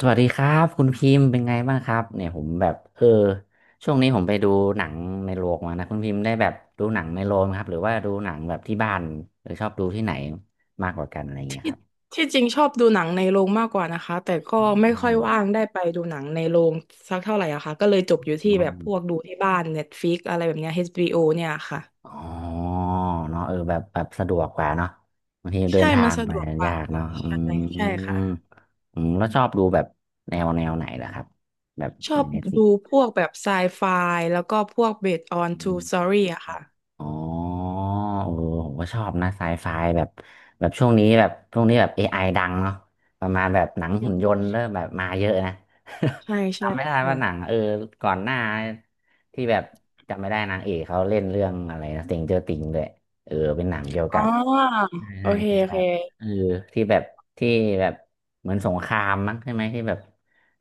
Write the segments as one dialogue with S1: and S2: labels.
S1: สวัสดีครับคุณพิมพ์เป็นไงบ้างครับเนี่ยผมแบบเออช่วงนี้ผมไปดูหนังในโรงมานะคุณพิมพ์ได้แบบดูหนังในโรงไหมครับหรือว่าดูหนังแบบที่บ้านหรือชอบดูที่ไหนมากกว่ากันอะไรอย่างเงี้ย
S2: ที่
S1: ครับ
S2: ที่จริงชอบดูหนังในโรงมากกว่านะคะแต่ก็ไม่
S1: อื
S2: ค่อย
S1: ม
S2: ว่างได้ไปดูหนังในโรงสักเท่าไหร่อะค่ะก็เลยจบอยู่ที่
S1: อ
S2: แบบพวก
S1: ม
S2: ดูที่บ้าน Netflix อะไรแบบเนี้ย HBO เนี่ยค่ะ
S1: อ๋อเนาะแบบสะดวกกว่าเนาะบางทีเดิ
S2: ใช่
S1: นทา
S2: มัน
S1: ง
S2: สะ
S1: ไป
S2: ดวกกว่า
S1: ยาก
S2: ค่ะ
S1: เนาะอื
S2: ใช่
S1: มอื
S2: ใช่ค่ะ
S1: มแล้วชอบดูแบบแนวไหนล่ะครับแบบ
S2: ชอ
S1: ใน
S2: บดู
S1: Netflix
S2: พวกแบบไซไฟแล้วก็พวก based on true story อะค่ะ
S1: อ๋อโอ้โหผมก็ชอบนะไซไฟแบบช่วงนี้แบบเอไ i ดังเนาะประมาณแบบหนังหุ่นยนต์เริ่มแบบมาเยอะนะ
S2: ใช่ ใช่
S1: จำไม่ได้
S2: ค่ะ
S1: ว่าหนังก่อนหน้าที่แบบจำไม่ได้นางเอกเขาเล่นเรื่องอะไรนะต a งเจอติงด้วยเป็นหนังเกี่ยว
S2: อ๋
S1: กั
S2: อ
S1: บใช่
S2: โอ
S1: ใช่
S2: เค
S1: เป็น
S2: โอ
S1: แบ
S2: เค
S1: บเออที่แบบที่แบบเหมือนสงครามมั้งใช่ไหมที่แบบ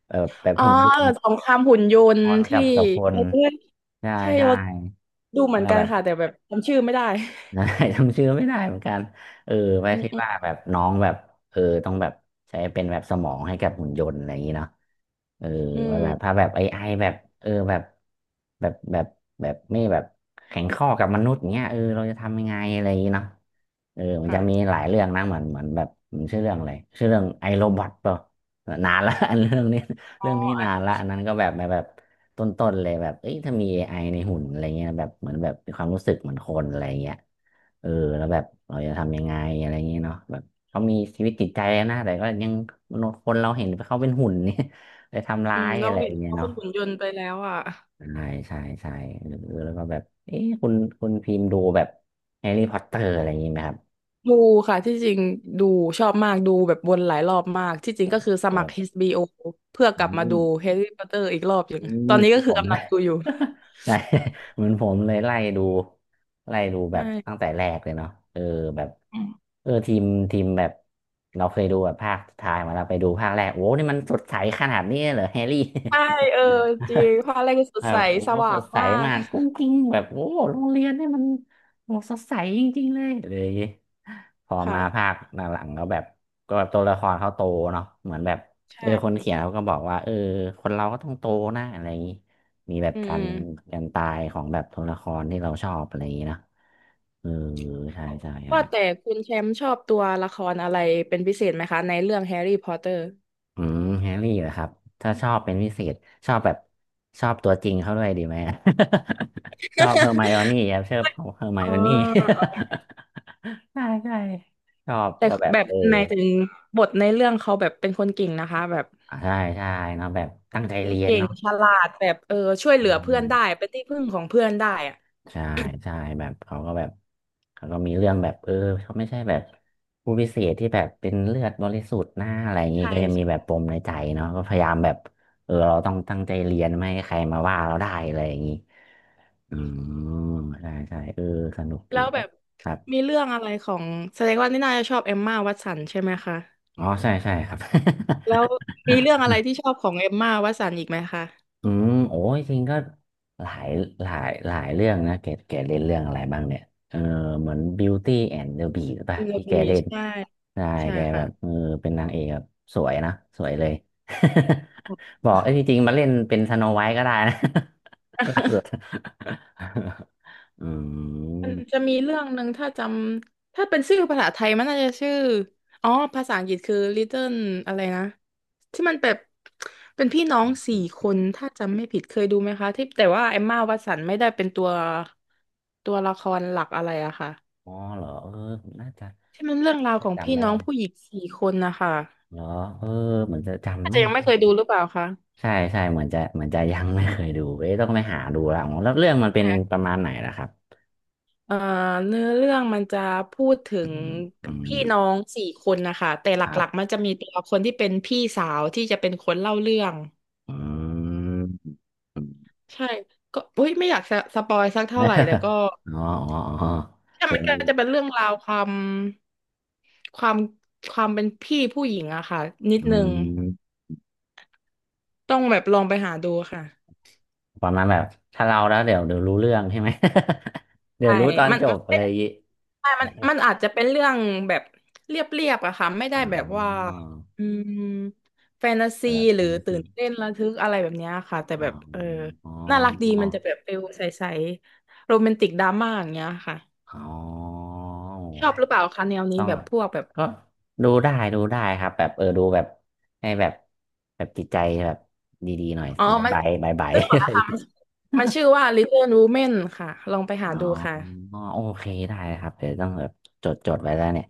S1: เออแบบ
S2: อ๋อ
S1: หุ่นย
S2: เอ
S1: น
S2: อ
S1: ต์
S2: สงครามหุ่นยน
S1: ค
S2: ต์
S1: นกั
S2: ที่
S1: บกับคน
S2: เออ
S1: ใช่
S2: ใช่
S1: ใช่
S2: เราดูเห
S1: แล้
S2: มื
S1: ว
S2: อน
S1: ก็
S2: กัน
S1: แบบ
S2: ค่ะแต่แบบจำชื่อไม่ได้
S1: ใช่ จำชื่อไม่ได้เหมือนกันเออไว้
S2: อืม
S1: คิด
S2: อืม
S1: ว่าแบบน้องแบบต้องแบบใช้เป็นแบบสมองให้กับหุ่นยนต์อะไรอย่างนี้เนาะเออ
S2: อื
S1: ว่าแบบถ้า
S2: ม
S1: แบบไอแบบเออแบบแบบแบบไม่แบบแข็งข้อกับมนุษย์อย่างเงี้ยเราจะทำยังไงอะไรอย่างนี้เนาะมันจะมี
S2: ค่ะ
S1: หลายเรื่องนะเหมือนแบบมันชื่อเรื่องอะไรชื่อเรื่องไอโรบอทเปล่านานละ อันเรื่องนี้เรื่องนี้นานละอันนั้นก็แบบต้นๆเลยแบบเอ้ยถ้ามี AI ในหุ่นอะไรเงี้ยแบบเหมือนแบบมีความรู้สึกเหมือนคนอะไรเงี้ย เออแล้วแบบเราจะทำยังไงอะไรเงงี้ยเนาะแบบเขามีชีวิตจิตใจนะแต่ก็ยังมนุษย์คนเราเห็นเขาเป็นหุ่นเนี่ย ไปทำ
S2: อื
S1: ร้า
S2: ม
S1: ย
S2: เรา
S1: อะไรอ
S2: เห็
S1: ย่า
S2: น
S1: งเงี้ย
S2: เขาเป็
S1: เนาะ
S2: นหุ่นยนต์ไปแล้วอ่ะ
S1: ใช่ใช่ใช่หรือแล้วก็แบบเอ๊ะคุณพิมพ์ดูแบบแฮร์รี่พอตเตอร์อะไรอย่างงี้ไหมครับ
S2: ดูค่ะที่จริงดูชอบมากดูแบบวนหลายรอบมากที่จริงก็คือส
S1: โอ้
S2: มัคร HBO เพื่อก
S1: อื
S2: ลับมา
S1: ม
S2: ดูแฮร์รี่พอตเตอร์อีกรอบอย่าง
S1: อืม
S2: ตอนนี้ก็
S1: ผมอนผ
S2: คือ
S1: ม
S2: กำ
S1: เล
S2: ลัง
S1: ย
S2: ดูอยู่
S1: ใช่ เหมือนผมเลยไล่ดูไล่ดูแบบตั้
S2: ใช่
S1: งแต่แรกเลยเนาะแบบ
S2: อืม
S1: เออทีมทีมแบบเราเคยดูแบบภาคสุดท้ายมาเราไปดูภาคแรกโอ้นี่มันสดใสขนาดนี้เลยเหรอแฮร์รี่
S2: ใช่เออจริงภาคแรกก็ส
S1: แบ
S2: ดใส
S1: บโอ้
S2: ส
S1: โหส
S2: ว่าง
S1: ดใส
S2: มาก
S1: มากกุ้งกิ้งแบบโอ้โหโรงเรียนเนี่ยมันโอ้โหสดใสจริงๆเลยอะไรอย่างงี้พอมาภา
S2: ค่ะ
S1: คหลังๆก็แบบก็แบบตัวละครเขาโตเนาะเหมือนแบบคน
S2: ใช่
S1: เขียนเขาก็บอกว่าคนเราก็ต้องโตนะอะไรอย่างงี้มีแบบ
S2: อืม
S1: กา
S2: อื
S1: ร
S2: ม
S1: การตายของแบบตัวละครที่เราชอบอะไรอย่างงี้เนอะเออใช่ใช่ใช่
S2: ว่าแต่คุณแชมป์ชอบตัวละครอะไรเป็นพิเศษไหมคะในเรื่องแฮร์รี่พอตเตอร์
S1: อืมแฮร์รี่เหรอครับถ้าชอบเป็นพิเศษชอบแบบชอบตัวจริงเขาด้วยดีไหม ชอบเฮอร์ไมโอนี่ครับชอบเฮอร์ไม
S2: อ๋อ
S1: โอนี่ ใช่ใช่ชอบ
S2: แต่
S1: ก็แบบ
S2: แบบหมายถึงบทในเรื่องเขาแบบเป็นคนเก่งนะคะแบบ
S1: อ่ะใช่ใช่เนาะแบบตั้งใจเรียน
S2: เก่ง
S1: เนาะ
S2: ฉลาดแบบเออช่วยเห
S1: อื
S2: ลือเพื่อน
S1: ม
S2: ได้เป็นที่พึ่งของเพื่อนได้อะ
S1: ใช่ใช่แบบเขาก็มีเรื่องแบบเขาไม่ใช่แบบผู้พิเศษที่แบบเป็นเลือดบริสุทธิ์หน้าอะไรอย่างงี้
S2: ใช่
S1: ก็ยังมีแบบปมในใจเนาะก็พยายามแบบเราต้องตั้งใจเรียนไม่ให้ใครมาว่าเราได้อะไรอย่างงี้ อืมใช่ใช่เออสนุกดี
S2: แล้วแบบ
S1: ครับ
S2: มีเรื่องอะไรของแสดงว่านี่น่าจะชอบเอมม่าวัตสันใช่ไหมคะ
S1: อ๋อใช่ใช่ครับ
S2: แล้วมีเรื่องอะไรที่ชอบของเอมม่าวัตสันอีกไหมคะ
S1: อืมโอ้ยจริงก็หลายหลายหลายเรื่องนะแกเล่นเรื่องอะไรบ้างเนี่ยเออเหมือน Beauty and the Beast หรือเปล่ะ
S2: เอ็ม
S1: ที่แก
S2: บี
S1: เล่น
S2: ใช่
S1: ใช่
S2: ใช่
S1: แกแบบ
S2: ค่ะ
S1: เป็นนางเอกแบบสวยนะสวยเลย บอกเอ้ยจริงๆมาเล่นเป็นสโนไวท์ก็ได้นะ ล่าสุด อื
S2: มัน
S1: ม
S2: จะมีเรื่องหนึ่งถ้าจำถ้าเป็นชื่อภาษาไทยมันน่าจะชื่ออ๋อภาษาอังกฤษคือ Little อะไรนะที่มันแบบเป็นพี่น้องสี่คนถ้าจำไม่ผิดเคยดูไหมคะที่แต่ว่าเอมม่าวัตสันไม่ได้เป็นตัวละครหลักอะไรอะค่ะ
S1: อ๋อเหรอน่าจะ
S2: ที่มันเรื่องราวข
S1: น่า
S2: อง
S1: จำ
S2: พี่
S1: ไม่
S2: น้อ
S1: ได้
S2: งผู้หญิงสี่คนนะคะ
S1: เหรอเออเหมือนจะ
S2: อา
S1: จำ
S2: จ
S1: ไม่
S2: จะยังไม่เคยดูหรือเปล่าคะ
S1: ใช่ใช่เหมือนจะเหมือนจะยังไม่เคยดูเอ้ยต้องไปหาดูละอ๋อแล้วเรื่องมันเป็นประมาณไหนล่ะครับ
S2: เอ่อเนื้อเรื่องมันจะพูดถึ
S1: อื
S2: ง
S1: มอืม
S2: พี่น้องสี่คนนะคะแต่ห
S1: ครั
S2: ลักๆมั
S1: บ
S2: นจะมีตัวละคนที่เป็นพี่สาวที่จะเป็นคนเล่าเรื่อง
S1: อืม อืม
S2: ใช่ก็อุ้ยไม่อยากสะสปอยสักเท่าไหร่แต่ก็
S1: อ๋ออ๋ออ๋อ
S2: ใช่
S1: เดี๋ย
S2: มั
S1: ว
S2: น
S1: มั
S2: ก็
S1: น
S2: จะเป็นเรื่องราวความความเป็นพี่ผู้หญิงอะค่ะนิด
S1: อื
S2: นึง
S1: ม
S2: ต้องแบบลองไปหาดูค่ะ
S1: ประมาณแบบถ้าเราแล้วเดี๋ยวรู้เรื่องใช่ไหม เดี๋ย
S2: ใช่
S1: วรู้ตอน
S2: มัน
S1: จ
S2: มัน
S1: บ
S2: ไม่
S1: อะไร
S2: ได้
S1: อย่างงี้
S2: ใช่มันมันอาจจะเป็นเรื่องแบบเรียบๆอะค่ะ ไม่
S1: อ
S2: ได้แบบว่า
S1: ๋อ
S2: อืมแฟนตา
S1: แบ
S2: ซี
S1: บแฟ
S2: หรือ
S1: นตา
S2: ตื่
S1: ซี
S2: นเต้นระทึกอะไรแบบเนี้ยค่ะ แต่
S1: อ๋อ
S2: แบบเออ
S1: อ๋
S2: น่ารักดี
S1: อ
S2: มันจะแบบฟิลใสๆโรแมนติกดราม่าอย่างเงี้ยค่ะ
S1: อ๋อโอ้
S2: ชอ
S1: ไท
S2: บหรือเปล่าคะแนวนี้
S1: ต้อง
S2: แบบพวกแบบ
S1: ก็ดูได้ดูได้ครับแบบดูแบบให้แบบแบบจิตใจแบบดีๆหน่อย
S2: อ๋อมัน
S1: บายบายบาย
S2: นึกออกแล้
S1: บา
S2: ว
S1: ย
S2: ค่ะมันมันชื่อว่า Little Women ค่ะ ลองไป หา
S1: อ๋อ
S2: ดูค่ะ
S1: โอเคได้ครับเดี๋ยวต้องแบบจดไว้แล้วเนี่ย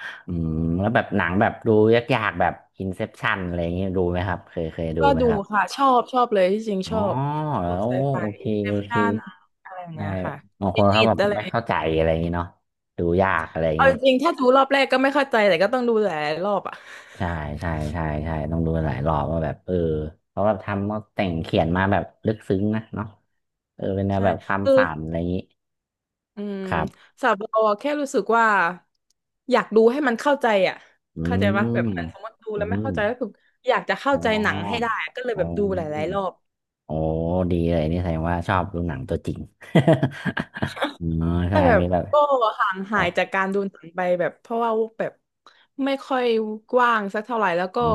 S1: อืมแล้วแบบหนังแบบดูยากๆแบบ Inception อะไรอย่างเงี้ยดูไหมครับเคยดู
S2: ก็
S1: ไหม
S2: ดู
S1: ครับ
S2: ค่ะ ชอบชอบเลยที่จริง
S1: อ๋
S2: ช
S1: อ
S2: อบพ
S1: แล้
S2: วก
S1: ว
S2: ไซไฟ
S1: โอเค
S2: อินเซ
S1: โอ
S2: ป
S1: เค
S2: ชั่นอะไรอย่าง
S1: ได้
S2: เงี้ยค่ะ
S1: บางค
S2: ฟิ
S1: น
S2: นิ
S1: เขา
S2: ต
S1: แบบ
S2: อะไร
S1: ไม่เข้าใจอะไรอย่างงี้เนาะดูยากอะไรอย่าง
S2: เอา
S1: งี้
S2: จริงๆถ้าดูรอบแรกก็ไม่เข้าใจแต่ก็ต้องดูหลายรอบอ่ะ
S1: ใช่ใช่ใช่ใช่ต้องดูหลายรอบว่าแบบเออเขาแบบทำเขาแต่งเขียนมาแบบลึกซึ้งนะเนาะเออเป็นแนว
S2: ใช่
S1: แบบความ
S2: คือ
S1: ฝันอะไรอย่างนี้
S2: อืม
S1: ครับ
S2: สาวเราอะแค่รู้สึกว่าอยากดูให้มันเข้าใจอ่ะ
S1: อื
S2: เข้าใจ
S1: ม
S2: ปะแบบเหมือนสมมติดู
S1: อื
S2: แล้วไม่
S1: ม
S2: เข้าใจก็คืออยากจะเข้า
S1: อ๋
S2: ใจหนังให้
S1: อ
S2: ได้อะก็เลย
S1: อ๋
S2: แบ
S1: อ
S2: บดูหลายๆรอบ
S1: โอ้ดีเลยนี่แสดงว่าชอบดูหนังตัวจริง อ๋อ
S2: แต่
S1: ใช่
S2: แบบ
S1: มีแบบ
S2: ก็ห่าง
S1: ค
S2: หา
S1: รั
S2: ย
S1: บ
S2: จากการดูหนังไปแบบเพราะว่าแบบไม่ค่อยว่างสักเท่าไหร่แล้วก็
S1: อื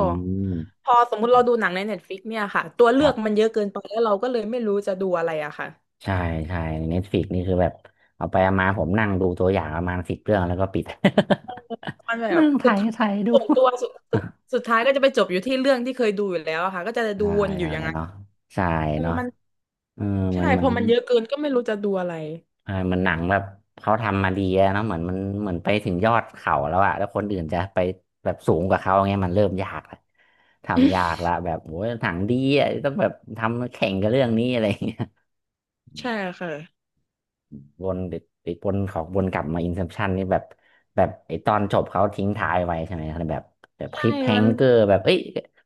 S2: พ
S1: ม
S2: อสมมุติเราดูหนังใน Netflix เนี่ยค่ะตัว
S1: ค
S2: เลื
S1: รั
S2: อก
S1: บ
S2: มันเยอะเกินไปแล้วเราก็เลยไม่รู้จะดูอะไรอะค่ะ
S1: ใช่ใช่เน็ตฟลิกนี่คือแบบเอาไปเอามาผมนั่งดูตัวอย่างประมาณ10 เรื่องแล้วก็ปิด
S2: มันแบ บ
S1: นั่งไถ
S2: สุดท้าย
S1: ไถดู
S2: ส่วนตัวสุดท้ายก็จะไปจบอยู่ที่เรื่องที่เคยดูอยู่แล้วอะค่ะก็จะดู
S1: ใช่
S2: วนอ
S1: ใช่
S2: ยู่อย่างนั้น
S1: เนาะใช่
S2: เออ
S1: เนาะ
S2: มัน
S1: เออเหมือ
S2: ใช่
S1: นเหมื
S2: พ
S1: อ
S2: อ
S1: น
S2: มันเยอะเกินก็ไม่รู้จะดูอะไร
S1: อ่าเหมันหนังแบบเขาทำมาดีอะเนาะเหมือนมันเหมือนไปถึงยอดเขาแล้วอะแล้วคนอื่นจะไปแบบสูงกว่าเขาเงี้ยมันเริ่มยากละทำยาก ละแบบโอ้ยหนังดีอะต้องแบบทำแข่งกับเรื่องนี้อะไรอย่างเงี้ย
S2: ใช่ค่ะ
S1: วนติดวนของวนกลับมาอินเ p พชันนี่แบบแบบไอตอนจบเขาทิ้งท้ายไว้ใช่ไหมแบบแบบค
S2: ใช่
S1: ลิปแฮ
S2: มั
S1: ง
S2: น
S1: เกอร์แบบเอ้ย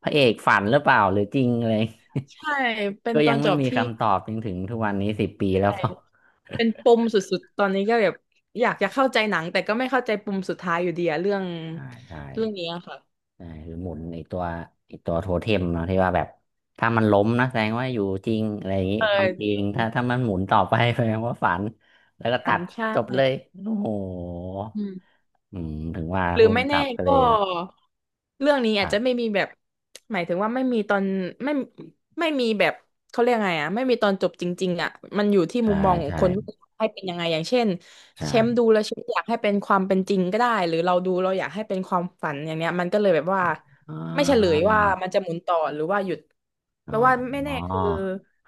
S1: พระเอกฝันหรือเปล่าหรือจริงอะไร
S2: ใช่เป็ น
S1: ก็
S2: ต
S1: ยั
S2: อ
S1: ง
S2: นจ
S1: ไม่
S2: บ
S1: มี
S2: ที่
S1: คำตอบจนถึงทุกวันนี้10 ปี
S2: อะ
S1: แล้
S2: ไร
S1: ว เปล่า
S2: เป็นปมสุดๆตอนนี้ก็แบบอยากจะเข้าใจหนังแต่ก็ไม่เข้าใจปมสุดท้ายอยู่ดีอะเรื่อง
S1: ใช่ใช่
S2: เรื่องนี้อะค่ะ
S1: ใช่คือหมุนไอตัวไอตัวโทเทมเนาะที่ว่าแบบถ้ามันล้มนะแสดงว่าอยู่จริงอะไรอย่างงี้
S2: เออ
S1: ความจ
S2: จ
S1: ริง
S2: ริง
S1: ถ้ามันหมุนต่อไป แสดงว่าฝันแล้วก็
S2: อั
S1: ตั
S2: น
S1: ดจบเล
S2: ใช่
S1: ยโอ้โห
S2: อืม
S1: อืมถึงว่า
S2: หรือ
S1: ภู
S2: ไม่
S1: มิ
S2: แน่
S1: กับก็เล
S2: ก็
S1: ยแบบ
S2: เรื่องนี้
S1: ค
S2: อาจ
S1: รั
S2: จะไม่
S1: บ
S2: มีแบบหมายถึงว่าไม่มีตอนไม่ไม่มีแบบเขาเรียกไงอ่ะไม่มีตอนจบจริงๆอ่ะมันอยู่ที่
S1: ใช่
S2: มุมมองของ
S1: ใช่
S2: คนว่าให้เป็นยังไงอย่างเช่นเชมป์
S1: ใช่
S2: ดูแล้วเชมป์อยากให้เป็นความเป็นจริงก็ได้หรือเราดูเราอยากให้เป็นความฝันอย่างเนี้ยมันก็เลยแบบว่า
S1: อ๋
S2: ไม่เฉลย
S1: อ
S2: ว่ามันจะหมุนต่อหรือว่าหยุด
S1: อ๋
S2: แล้ว
S1: อ
S2: ว่าไม่แน่คือ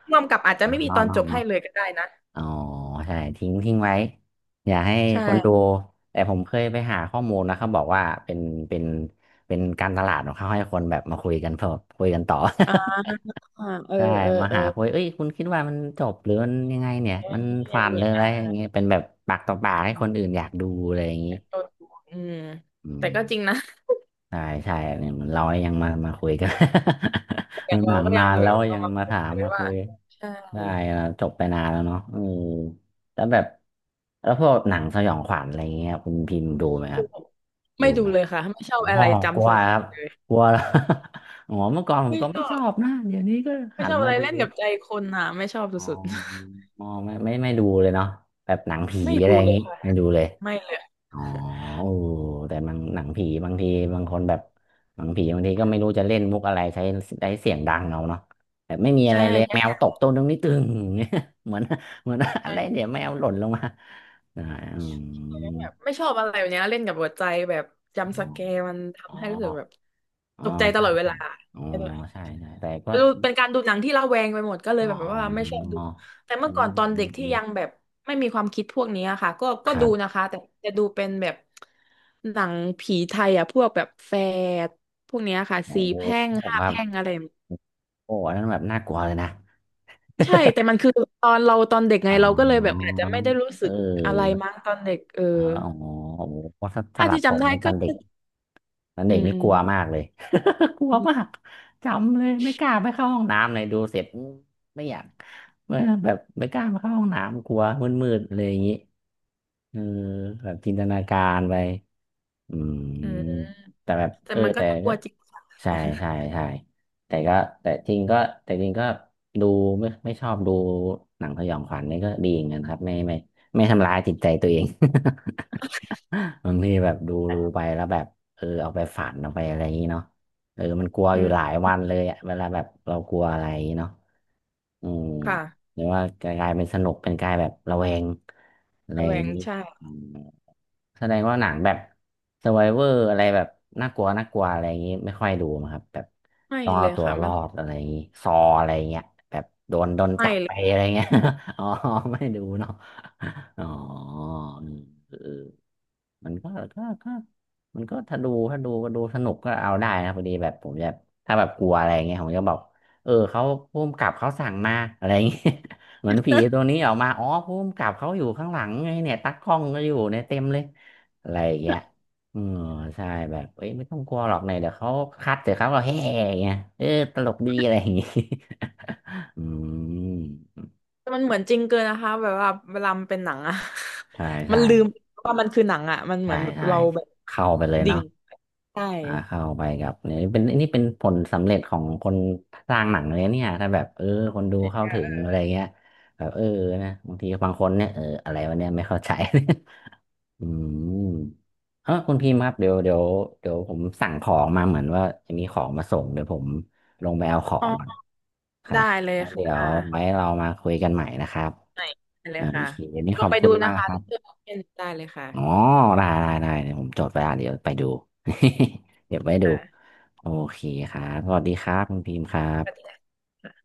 S2: ร่วมกับอาจจะไม่
S1: เนาะ
S2: มีต
S1: เนาะ
S2: อนจบให้
S1: เนาะ
S2: เลยก็ได้นะ
S1: อ๋อใช่ทิ้งไว้อย่าให้
S2: ใช่
S1: คนดูแต่ผมเคยไปหาข้อมูลนะเขาบอกว่าเป็นเป็นเป็นการตลาดของเขาให้คนแบบมาคุยกันเพิ่มคุยกันต่อ
S2: อ่าเออเอ อ
S1: ใช่มา
S2: เออ
S1: หาคุยเอ้ยคุณคิดว่ามันจบหรือมันยังไงเนี่ยมัน
S2: เนี่
S1: ฝั
S2: ย
S1: นหรื
S2: เนี่
S1: อ
S2: ย
S1: อะไร
S2: อ่า
S1: อย่างเงี้ยเป็นแบบปากต่อปากให้คนอื่นอยากดูอะไรอย่างงี้
S2: โดนดูอืม
S1: อื
S2: แต่
S1: ม
S2: ก็จริงนะ
S1: ใช่ใช่เนี่ยเหมือนเรายังมาคุยกัน
S2: อย่าง
S1: ห
S2: เรา
S1: นัง
S2: ก็
S1: นา
S2: ยัง
S1: น
S2: แบ
S1: แล้
S2: บ
S1: ว
S2: เอา
S1: ยัง
S2: มา
S1: มา
S2: คุย
S1: ถาม
S2: กัน
S1: มาคุ
S2: ว่า
S1: ย
S2: ใช่
S1: ได้แล้วจบไปนานแล้วเนาะเออแล้วแบบแล้วพวกหนังสยองขวัญอะไรเงี้ยคุณพิมพ์ดูไหมครับดู
S2: ไม่ดู
S1: ไหม
S2: เลยค่ะไม่ชอ
S1: อ๋อ
S2: บอะไร
S1: กลั
S2: จำ
S1: ว
S2: สักอ
S1: ครั
S2: ย่า
S1: บ
S2: งเลย
S1: กลัวแล้ว อ๋อเมื่อก่อนผม
S2: ไม่
S1: ก็
S2: ช
S1: ไม่
S2: อ
S1: ชอ
S2: บ
S1: บนะเดี๋ยวนี้ก็
S2: ไม่
S1: หั
S2: ช
S1: น
S2: อบอะ
S1: มา
S2: ไร
S1: ดู
S2: เล่นกับใจคนอ่ะไม่ชอบ
S1: อ๋อ
S2: สุด
S1: อ๋อไม่ดูเลยเนาะแบบหนัง
S2: ๆ
S1: ผี
S2: ไม่
S1: อะไร
S2: ดู
S1: อย่าง
S2: เลย
S1: งี้
S2: ค่ะ
S1: ไม่ดูเลย
S2: ไม่เลย
S1: อ๋อโอ้แต่บางหนังผีบางทีบางคนแบบหนังผีบางทีก็ไม่รู้จะเล่นมุกอะไรใช้ใด้เสียงดังเอาเนาะแบบไม่มีอะไร
S2: ใช่
S1: เลยแมว
S2: ใช่
S1: ตกต้นตรงนี้ตึงเนี่ย เหมือน เหมือนอะไรเดี๋ยวแมวหล่นลงมาอ่าอื
S2: ใช่แบ
S1: ม
S2: บไม่ชอบอะไรแบบเนี้ยเล่นกับหัวใจแบบจำสแกร์มัน
S1: อ๋อ
S2: ทำให้รู้สึกแบบ
S1: อ๋อ
S2: ตกใจต
S1: ใช่
S2: ลอดเว
S1: ใช่
S2: ลา
S1: อ๋อใช่ใช่แต่ก็
S2: ดูเป็นการดูหนังที่ระแวงไปหมดก็เลย
S1: อ๋อ
S2: แบบว่าไม่ชอบดูแต่เมื่
S1: อื
S2: อก่อน
S1: ม
S2: ตอน
S1: อื
S2: เด็ก
S1: ม
S2: ที่
S1: อืม
S2: ยังแบบไม่มีความคิดพวกนี้อะค่ะก็
S1: ค
S2: ก็
S1: รั
S2: ดูนะ
S1: บ
S2: คะแต่จะดูเป็นแบบหนังผีไทยอ่ะพวกแบบแฝดพวกเนี้ยค่ะ
S1: โอ้
S2: สี่แพร่งห้า
S1: ครั
S2: แพ
S1: บ
S2: ร่งอะไรแบบนี้
S1: โอ้อันนั้นแบบน่ากลัวเลยนะ
S2: ใช่แต่มันคือตอนเราตอนเด็ก ไง
S1: อ๋อ
S2: เราก็เลยแบบอาจจะไม่ได้รู้สึ
S1: เออ
S2: กอะไรมั้งตอนเด็กเออ
S1: อ๋อโอ้โหถ้าส
S2: ถ้า
S1: ลับ
S2: ที่
S1: ผ
S2: จำ
S1: ม
S2: ได้
S1: ในต
S2: ก็
S1: อนเด็กตอน
S2: อื
S1: เด็ก
S2: ม
S1: นี่
S2: อื
S1: ก
S2: ม
S1: ลัวมากเลย กลัว
S2: อื
S1: มา
S2: ม
S1: กจำเลยไม่กล้าไปเข้าห้องน้ำเลยดูเสร็จมไม่อยากไม่แบบไม่กล้าไปเข้าห้องน้ำกลัวมืดๆเลยอย่างนี้เออแบบจินตนาการไปอืม
S2: อืม
S1: แต่แบบ
S2: แต่
S1: เออ
S2: มันก็
S1: แต่
S2: น่ากลั
S1: ก็
S2: วจริงค่ะ
S1: ใช่ใช่ใช่แต่ก็แต่จริงก็แต่จริงก็ดูไม่ชอบดูหนังสยองขวัญนี่ก็ดีเหมือนกันครับไม่ไม่ทำร้ายจิตใจตัวเอง บางทีแบบดูไปแล้วแบบเออเอาไปฝันเอาไปอะไรอย่างนี้เนาะเออมันกลัว อ
S2: อื
S1: ยู่หลา
S2: ม
S1: ยวันเลยอะเวลาแบบเรากลัวอะไรอย่างนี้เนาะอืม
S2: ค่ะ
S1: หรือว่ากลายเป็นสนุกเป็นกลายแบบระแวงอะไร
S2: ระ
S1: อ
S2: แว
S1: ย่าง
S2: ง
S1: นี้
S2: ใช่
S1: อืมแสดงว่าหนังแบบ Survivor อร์อะไรแบบน่ากลัวน่ากลัวอะไรอย่างนี้ไม่ค่อยดูมั้งครับแบบ
S2: ไม่
S1: ต้อง
S2: เล
S1: เอา
S2: ย
S1: ตัว
S2: ค่ะ
S1: ร
S2: ไม่
S1: อดอะไรอย่างนี้ซออะไรอย่างเงี้ยแบบโดนโดน
S2: ไม่
S1: จับ
S2: เล
S1: ไป
S2: ย
S1: อะไรเงี้ย อ๋อไม่ดูเนาะอ๋ออืมเออ มันก็ก็ก็มันก็ถ้าดูถ้าดูก็ดูสนุกก็เอาได้นะพอดีแบบผมจะถ้าแบบกลัวอะไรเงี้ยผมจะบอกเออเขาภูมกับเขาสั่งมาอะไรเงี้ย เหมือนผีตัวนี้ออกมาอ๋อภูมิกับเขาอยู่ข้างหลังไงเนี่ยตากล้องก็อยู่เนี่ยเต็มเลยอะไรอย่างเงี้ยเออใช่แบบเอ้ยไม่ต้องกลัวหรอกเนี่ยเดี๋ยวเขาคัดเดี๋ยวเขาเราแห่อย่างเงี้ยเออตลกดีอะไรอย่างงี้ อืม
S2: แต่มันเหมือนจริงเกินนะคะแบบว่าเวลามันเป็นหนังอะ
S1: ใช่
S2: มั
S1: ใช่
S2: นลืมว่ามันคือหนังอะมันเหมื
S1: ใช่
S2: อนแบบ
S1: ใช่
S2: เราแบบ
S1: เข้าไปเลย
S2: ดิ่
S1: เนาะ
S2: งใช่
S1: อ่าเข้าไปกับเนี่ยเป็นนี่เป็นผลสำเร็จของคนสร้างหนังเลยเนี่ยถ้าแบบเออคนดูเข้าถึงอะไรเงี้ยแบบเออนะบางทีบางคนเนี่ยเอออะไรวะเนี่ยไม่เข้าใจ อืมเออคุณพิมพ์ครับเดี๋ยวผมสั่งของมาเหมือนว่าจะมีของมาส่งเดี๋ยวผมลงไปเอาขอ
S2: อ๋อ
S1: งก่อนครั
S2: ได้
S1: บ
S2: เลย
S1: แล้ว
S2: ค
S1: เดี๋ยว
S2: ่
S1: ไว้
S2: ะ
S1: เรามาคุยกันใหม่นะครับ
S2: ไหนได้เล
S1: อ่า
S2: ย
S1: โอ
S2: ค่ะ
S1: เควันนี้
S2: ล
S1: ข
S2: อ
S1: อ
S2: ง
S1: บ
S2: ไป
S1: คุ
S2: ดู
S1: ณมา
S2: นะ
S1: ก
S2: คะ
S1: ครั
S2: เลือ
S1: บ
S2: กเป็นได้เลย
S1: อ๋อ
S2: ค่ะ
S1: ได้ได้ได้เดี๋ยวผมจดไว้อ่ะเดี๋ยวไปดู เดี๋ยวไปดู
S2: ค่ะ
S1: โอเคครับสวัสดีครับคุณพิมพ์ครั
S2: สวัสดี
S1: บ
S2: ค่ะ